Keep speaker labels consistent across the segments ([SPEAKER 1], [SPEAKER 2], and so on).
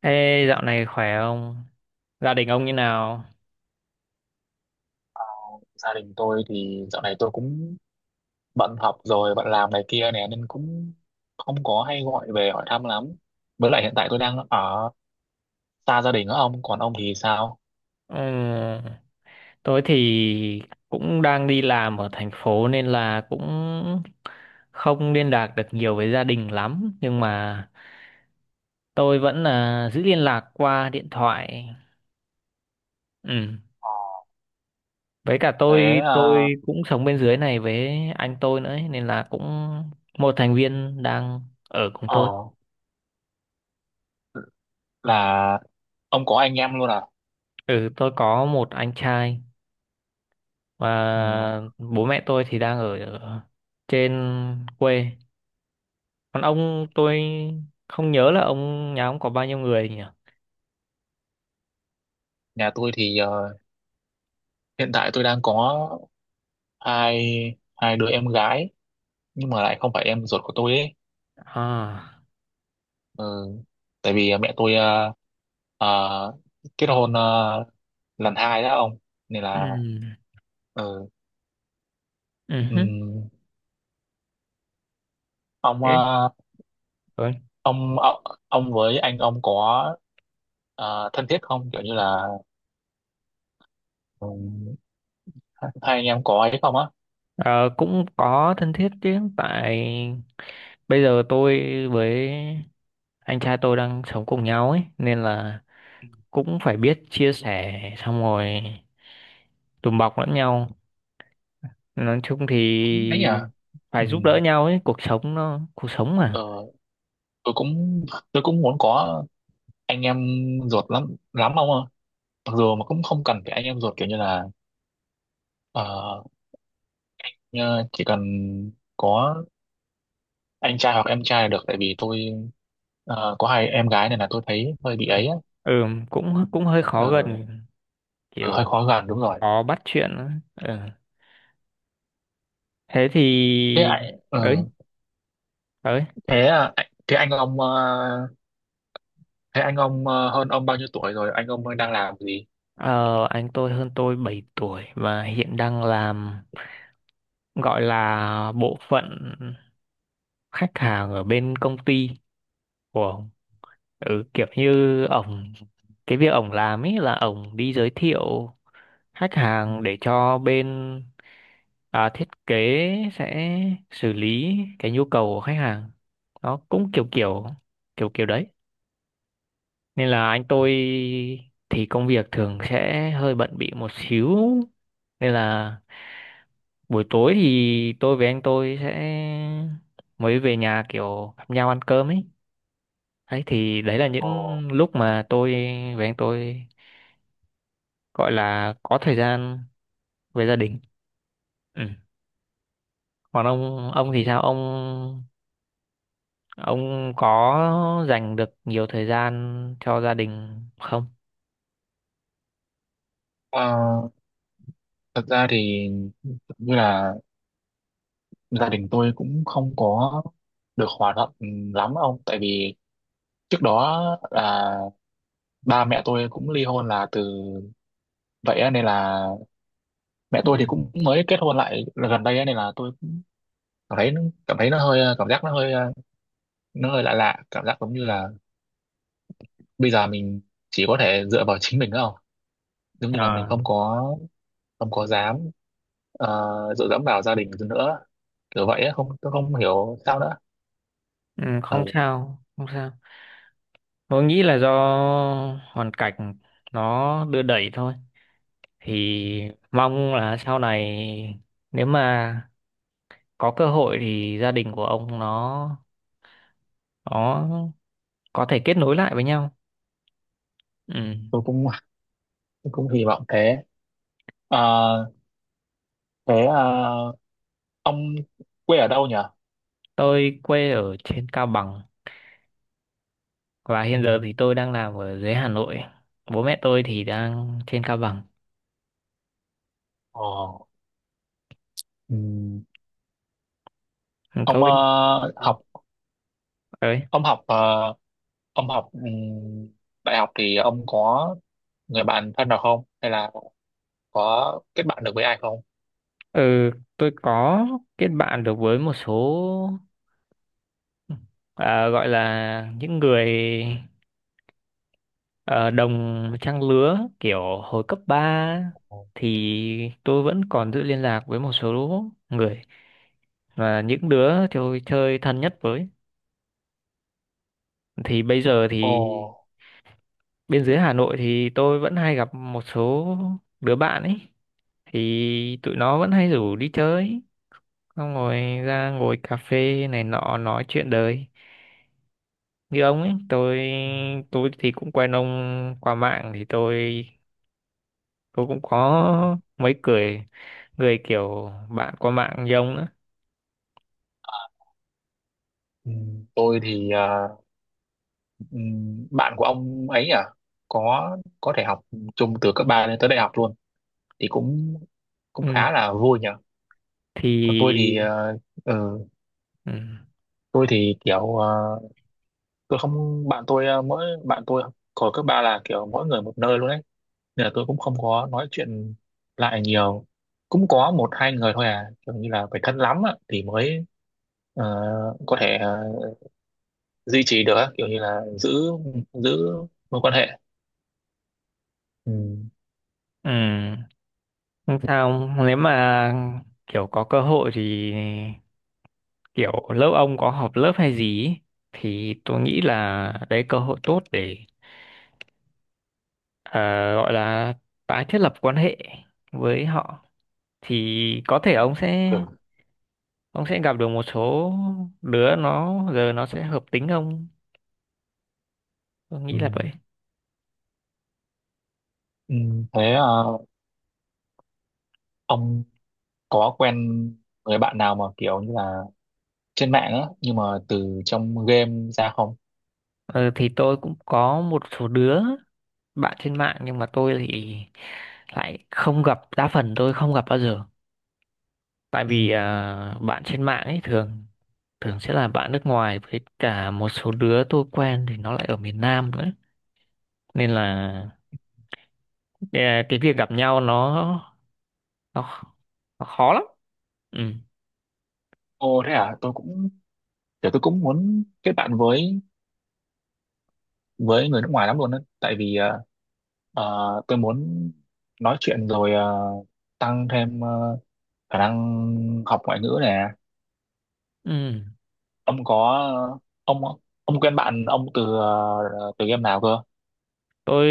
[SPEAKER 1] Ê, dạo này khỏe không? Gia đình ông như nào?
[SPEAKER 2] Gia đình tôi thì dạo này tôi cũng bận học rồi bận làm này kia nè nên cũng không có hay gọi về hỏi thăm lắm. Với lại hiện tại tôi đang ở xa gia đình á. Ông còn ông thì sao?
[SPEAKER 1] Ừ, tôi thì cũng đang đi làm ở thành phố nên là cũng không liên lạc được nhiều với gia đình lắm. Nhưng mà tôi vẫn là giữ liên lạc qua điện thoại. Ừ.
[SPEAKER 2] Ờ,
[SPEAKER 1] Với cả
[SPEAKER 2] Thế
[SPEAKER 1] tôi
[SPEAKER 2] à,
[SPEAKER 1] tôi cũng sống bên dưới này với anh tôi nữa ấy, nên là cũng một thành viên đang ở cùng tôi.
[SPEAKER 2] ờ là ông có anh em luôn à?
[SPEAKER 1] Ừ, tôi có một anh trai, và
[SPEAKER 2] Ừ.
[SPEAKER 1] bố mẹ tôi thì đang ở ở trên quê. Còn ông, tôi không nhớ là ông nhà ông có bao nhiêu người nhỉ?
[SPEAKER 2] Nhà tôi thì hiện tại tôi đang có hai hai đứa em gái, nhưng mà lại không phải em ruột của tôi ấy.
[SPEAKER 1] À,
[SPEAKER 2] Ừ. Tại vì mẹ tôi ờ, kết hôn lần hai đó ông, nên là...
[SPEAKER 1] ừ,
[SPEAKER 2] Ừ.
[SPEAKER 1] ừ
[SPEAKER 2] Ừ.
[SPEAKER 1] hứ,
[SPEAKER 2] ông
[SPEAKER 1] thế
[SPEAKER 2] ờ,
[SPEAKER 1] rồi.
[SPEAKER 2] ông ông ông với anh ông có thân thiết không, kiểu như là, ừ, hai hai anh em có ấy không á?
[SPEAKER 1] Ờ, cũng có thân thiết chứ, tại bây giờ tôi với anh trai tôi đang sống cùng nhau ấy, nên là cũng phải biết chia sẻ, xong rồi đùm bọc lẫn nhau. Nói chung
[SPEAKER 2] Cũng ấy nhỉ.
[SPEAKER 1] thì
[SPEAKER 2] Ừ.
[SPEAKER 1] phải giúp đỡ nhau ấy, cuộc sống nó cuộc sống mà.
[SPEAKER 2] ờ, tôi cũng muốn có anh em ruột lắm lắm ông ạ. Mặc dù mà cũng không cần phải anh em ruột, kiểu như là ờ, như chỉ cần có anh trai hoặc em trai là được. Tại vì tôi có hai em gái này là tôi thấy hơi bị
[SPEAKER 1] Ờ,
[SPEAKER 2] ấy á.
[SPEAKER 1] ừ, cũng cũng hơi khó
[SPEAKER 2] Ờ,
[SPEAKER 1] gần,
[SPEAKER 2] hơi
[SPEAKER 1] kiểu
[SPEAKER 2] khó gần, đúng rồi.
[SPEAKER 1] khó bắt chuyện á. Ừ. Thế thì
[SPEAKER 2] Thế ạ.
[SPEAKER 1] ấy ấy.
[SPEAKER 2] Thế à, thế anh ông hơn ông bao nhiêu tuổi rồi, anh ông đang làm gì?
[SPEAKER 1] Ờ, anh tôi hơn tôi 7 tuổi và hiện đang làm, gọi là bộ phận khách hàng ở bên công ty của ông. Ừ, kiểu như ổng, cái việc ổng làm ấy là ổng đi giới thiệu khách hàng để cho bên, à, thiết kế sẽ xử lý cái nhu cầu của khách hàng. Nó cũng kiểu kiểu, kiểu kiểu đấy. Nên là anh tôi thì công việc thường sẽ hơi bận bịu một xíu, nên là buổi tối thì tôi với anh tôi sẽ mới về nhà, kiểu gặp nhau ăn cơm ấy. Đấy thì đấy là
[SPEAKER 2] Ờ,
[SPEAKER 1] những lúc mà tôi với anh tôi gọi là có thời gian với gia đình. Ừ. Còn ông thì sao ông có dành được nhiều thời gian cho gia đình không?
[SPEAKER 2] ờ, thật ra thì như là gia đình tôi cũng không có được hòa thuận lắm ông. Tại vì trước đó là ba mẹ tôi cũng ly hôn là từ vậy á, nên là mẹ
[SPEAKER 1] Ừ.
[SPEAKER 2] tôi thì cũng mới kết hôn lại gần đây á, nên là tôi cảm thấy cảm thấy nó hơi, cảm giác nó hơi lạ lạ, cảm giác giống như là bây giờ mình chỉ có thể dựa vào chính mình thôi, không giống như là mình
[SPEAKER 1] À,
[SPEAKER 2] không có không có dám dựa dẫm vào gia đình nữa, kiểu vậy á, không tôi không hiểu sao nữa.
[SPEAKER 1] ừ, không
[SPEAKER 2] Ừ,
[SPEAKER 1] sao không sao. Tôi nghĩ là do hoàn cảnh nó đưa đẩy thôi, thì mong là sau này nếu mà có cơ hội thì gia đình của ông nó có thể kết nối lại với nhau. Ừ.
[SPEAKER 2] tôi cũng hy vọng thế. Ờ, Thế ông quê ở đâu nhỉ?
[SPEAKER 1] Tôi quê ở trên Cao Bằng, và
[SPEAKER 2] Ừ.
[SPEAKER 1] hiện giờ thì tôi đang làm ở dưới Hà Nội. Bố mẹ tôi thì đang trên Cao Bằng.
[SPEAKER 2] Ờ, ừ. ông
[SPEAKER 1] Tôi
[SPEAKER 2] ờ, học
[SPEAKER 1] đấy.
[SPEAKER 2] ông học ờ, học đại học thì ông có người bạn thân nào không, hay là có kết bạn được với ai không?
[SPEAKER 1] Ừ, tôi có kết bạn được với một số, à, gọi là những người, ờ, đồng trang lứa, kiểu hồi cấp 3 thì tôi vẫn còn giữ liên lạc với một số người, và những đứa tôi chơi thân nhất với. Thì bây giờ
[SPEAKER 2] Ồ.
[SPEAKER 1] thì bên dưới Hà Nội thì tôi vẫn hay gặp một số đứa bạn ấy, thì tụi nó vẫn hay rủ đi chơi, xong rồi ra ngồi cà phê này nọ nói chuyện đời như ông ấy. tôi
[SPEAKER 2] Ừ.
[SPEAKER 1] tôi thì cũng quen ông qua mạng, thì tôi cũng có mấy người, người kiểu bạn qua mạng như ông nữa.
[SPEAKER 2] Ờ, ừ, tôi thì bạn của ông ấy à, có có thể học chung từ cấp 3 lên tới đại học luôn, thì cũng cũng khá
[SPEAKER 1] Ừ,
[SPEAKER 2] là vui nhở. Còn tôi thì
[SPEAKER 1] thì
[SPEAKER 2] ừ,
[SPEAKER 1] ừ,
[SPEAKER 2] tôi thì kiểu ờ, tôi không bạn tôi ờ, mỗi bạn tôi hồi cấp 3 là kiểu mỗi người một nơi luôn đấy, nên là tôi cũng không có nói chuyện lại nhiều. Cũng có một hai người thôi à, kiểu như là phải thân lắm á, thì mới ờ, có thể duy trì được á, kiểu như là giữ giữ mối quan hệ. Ừ.
[SPEAKER 1] ừ, không sao. Nếu mà kiểu có cơ hội thì kiểu lớp ông có họp lớp hay gì ấy, thì tôi nghĩ là đấy cơ hội tốt để, ờ, gọi là tái thiết lập quan hệ với họ, thì có thể ông sẽ,
[SPEAKER 2] Kiểu-
[SPEAKER 1] ông sẽ gặp được một số đứa nó giờ nó sẽ hợp tính ông. Tôi
[SPEAKER 2] ừ.
[SPEAKER 1] nghĩ là vậy.
[SPEAKER 2] Ừ, thế ông có quen người bạn nào mà kiểu như là trên mạng á, nhưng mà từ trong game ra không?
[SPEAKER 1] Ờ, thì tôi cũng có một số đứa bạn trên mạng nhưng mà tôi thì lại không gặp, đa phần tôi không gặp bao giờ. Tại
[SPEAKER 2] Ừ.
[SPEAKER 1] vì à, bạn trên mạng ấy thường thường sẽ là bạn nước ngoài, với cả một số đứa tôi quen thì nó lại ở miền Nam nữa, nên là, à, cái việc gặp nhau nó, nó, nó khó lắm. Ừ,
[SPEAKER 2] Ồ, thế à, tôi cũng kiểu tôi cũng muốn kết bạn với người nước ngoài lắm luôn á, tại vì tôi muốn nói chuyện rồi tăng thêm khả năng học ngoại ngữ nè.
[SPEAKER 1] ừ.
[SPEAKER 2] Ông có ông ông quen bạn ông từ từ game nào cơ?
[SPEAKER 1] Tôi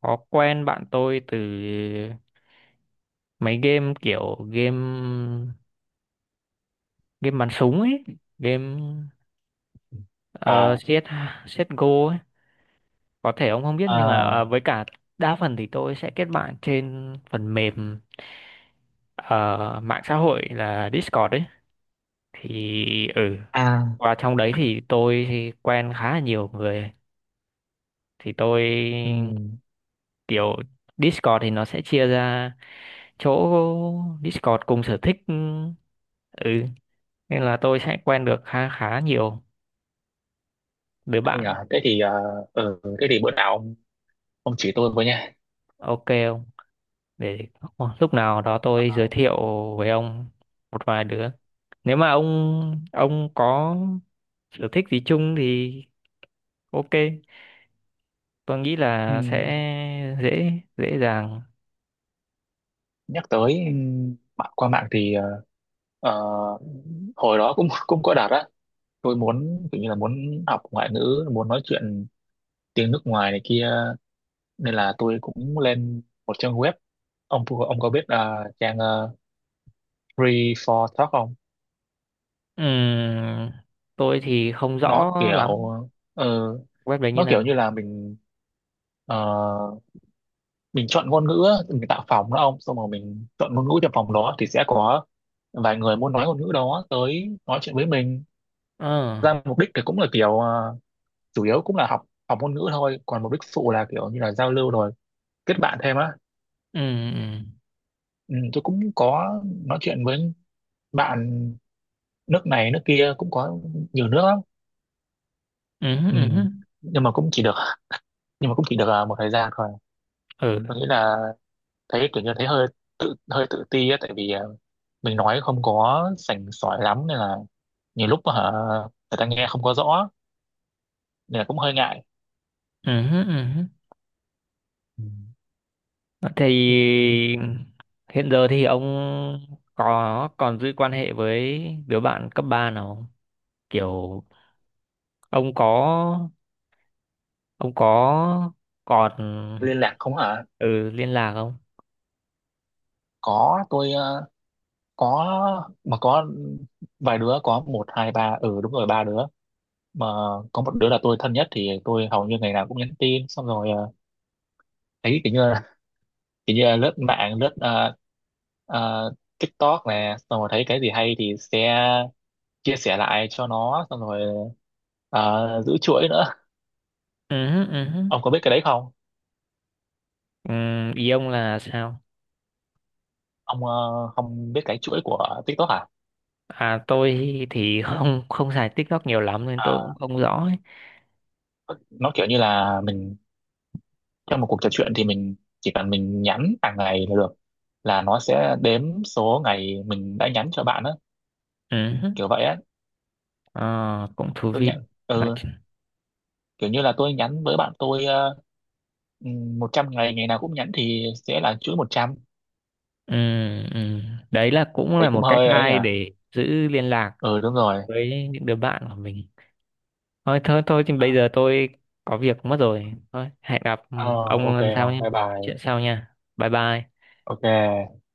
[SPEAKER 1] có quen bạn tôi từ mấy game, kiểu game game bắn súng ấy, game
[SPEAKER 2] À.
[SPEAKER 1] CS, CSGO ấy, có thể ông không biết. Nhưng mà
[SPEAKER 2] À,
[SPEAKER 1] với cả đa phần thì tôi sẽ kết bạn trên phần mềm, ờ, mạng xã hội là Discord ấy. Thì ừ,
[SPEAKER 2] à.
[SPEAKER 1] qua trong đấy thì tôi quen khá là nhiều người. Thì tôi
[SPEAKER 2] Ừ.
[SPEAKER 1] kiểu, Discord thì nó sẽ chia ra chỗ Discord cùng sở thích. Ừ, ừ. Nên là tôi sẽ quen được khá khá nhiều đứa
[SPEAKER 2] Anh
[SPEAKER 1] bạn.
[SPEAKER 2] à, thế thì thế thì bữa nào ông chỉ tôi với nha.
[SPEAKER 1] Ok không, để lúc nào đó tôi giới thiệu với ông một vài đứa, nếu mà ông có sở thích gì chung thì ok, tôi nghĩ là sẽ
[SPEAKER 2] Ừm,
[SPEAKER 1] dễ, dễ dàng.
[SPEAKER 2] nhắc tới mạng, qua mạng thì ờ, hồi đó cũng cũng có đạt á, tôi muốn tự như là muốn học ngoại ngữ muốn nói chuyện tiếng nước ngoài này kia, nên là tôi cũng lên một trang web. Ông có biết trang Free for Talk không?
[SPEAKER 1] Ừm, tôi thì không
[SPEAKER 2] nó
[SPEAKER 1] rõ lắm
[SPEAKER 2] kiểu ờ,
[SPEAKER 1] web đấy như
[SPEAKER 2] nó
[SPEAKER 1] nào.
[SPEAKER 2] kiểu như là ờ, mình chọn ngôn ngữ á, mình tạo phòng đó ông, xong rồi mình chọn ngôn ngữ cho phòng đó thì sẽ có vài người muốn nói ngôn ngữ đó tới nói chuyện với mình.
[SPEAKER 1] Ờ,
[SPEAKER 2] Ra mục đích thì cũng là kiểu chủ yếu cũng là học học ngôn ngữ thôi, còn mục đích phụ là kiểu như là giao lưu rồi kết bạn thêm á.
[SPEAKER 1] ừ, ừ.
[SPEAKER 2] Ừ, tôi cũng có nói chuyện với bạn nước này nước kia, cũng có nhiều nước lắm.
[SPEAKER 1] Ừ,
[SPEAKER 2] Ừ.
[SPEAKER 1] ừ, ừ,
[SPEAKER 2] nhưng mà cũng chỉ được nhưng mà cũng chỉ được một thời gian thôi.
[SPEAKER 1] ừ,
[SPEAKER 2] Tôi nghĩ là thấy kiểu như thấy hơi tự ti á, tại vì mình nói không có sành sỏi lắm, nên là nhiều lúc hả người ta nghe không có rõ, nên là cũng hơi ngại.
[SPEAKER 1] ừ. Ừ.
[SPEAKER 2] Ừ.
[SPEAKER 1] Thì
[SPEAKER 2] Ừm,
[SPEAKER 1] hiện giờ thì ông có còn giữ quan hệ với đứa bạn cấp 3 nào không? Kiểu ông có, ông có còn,
[SPEAKER 2] liên lạc không hả?
[SPEAKER 1] ừ, liên lạc không?
[SPEAKER 2] Có, tôi có mà, có vài đứa, có một hai ba, ừ đúng rồi, ba đứa. Mà có một đứa là tôi thân nhất thì tôi hầu như ngày nào cũng nhắn tin, xong rồi thấy kiểu như là lướt mạng, lướt ờ, TikTok nè, xong rồi thấy cái gì hay thì sẽ chia sẻ lại cho nó, xong rồi giữ chuỗi nữa.
[SPEAKER 1] Ừ, ừ.
[SPEAKER 2] Ông có biết cái đấy không?
[SPEAKER 1] Ừ, ý ông là sao?
[SPEAKER 2] Ông không biết cái chuỗi của TikTok à?
[SPEAKER 1] À tôi thì không, không xài TikTok nhiều lắm nên tôi
[SPEAKER 2] À,
[SPEAKER 1] cũng không rõ ấy.
[SPEAKER 2] nó kiểu như là mình trong một cuộc trò chuyện thì mình chỉ cần mình nhắn hàng ngày là được, là nó sẽ đếm số ngày mình đã nhắn cho bạn á.
[SPEAKER 1] Ừ.
[SPEAKER 2] Kiểu vậy á.
[SPEAKER 1] Ờ, cũng thú
[SPEAKER 2] Tôi
[SPEAKER 1] vị.
[SPEAKER 2] nhận
[SPEAKER 1] Nói-
[SPEAKER 2] Ừ,
[SPEAKER 1] ch-
[SPEAKER 2] kiểu như là tôi nhắn với bạn tôi uh, 100 ngày, ngày nào cũng nhắn thì sẽ là chuỗi 100.
[SPEAKER 1] Ừ, ừ. Đấy là cũng
[SPEAKER 2] Thấy
[SPEAKER 1] là
[SPEAKER 2] cũng
[SPEAKER 1] một cách
[SPEAKER 2] hơi ấy nhỉ.
[SPEAKER 1] hay để giữ liên lạc
[SPEAKER 2] Ừ đúng rồi.
[SPEAKER 1] với những đứa bạn của mình. Thôi thôi thôi thì bây giờ tôi có việc mất rồi, thôi hẹn gặp ừ,
[SPEAKER 2] Ờ,
[SPEAKER 1] ông
[SPEAKER 2] ok
[SPEAKER 1] lần sau
[SPEAKER 2] không,
[SPEAKER 1] nhé,
[SPEAKER 2] bye
[SPEAKER 1] mình nói chuyện
[SPEAKER 2] bye,
[SPEAKER 1] sau nha, bye bye.
[SPEAKER 2] ok.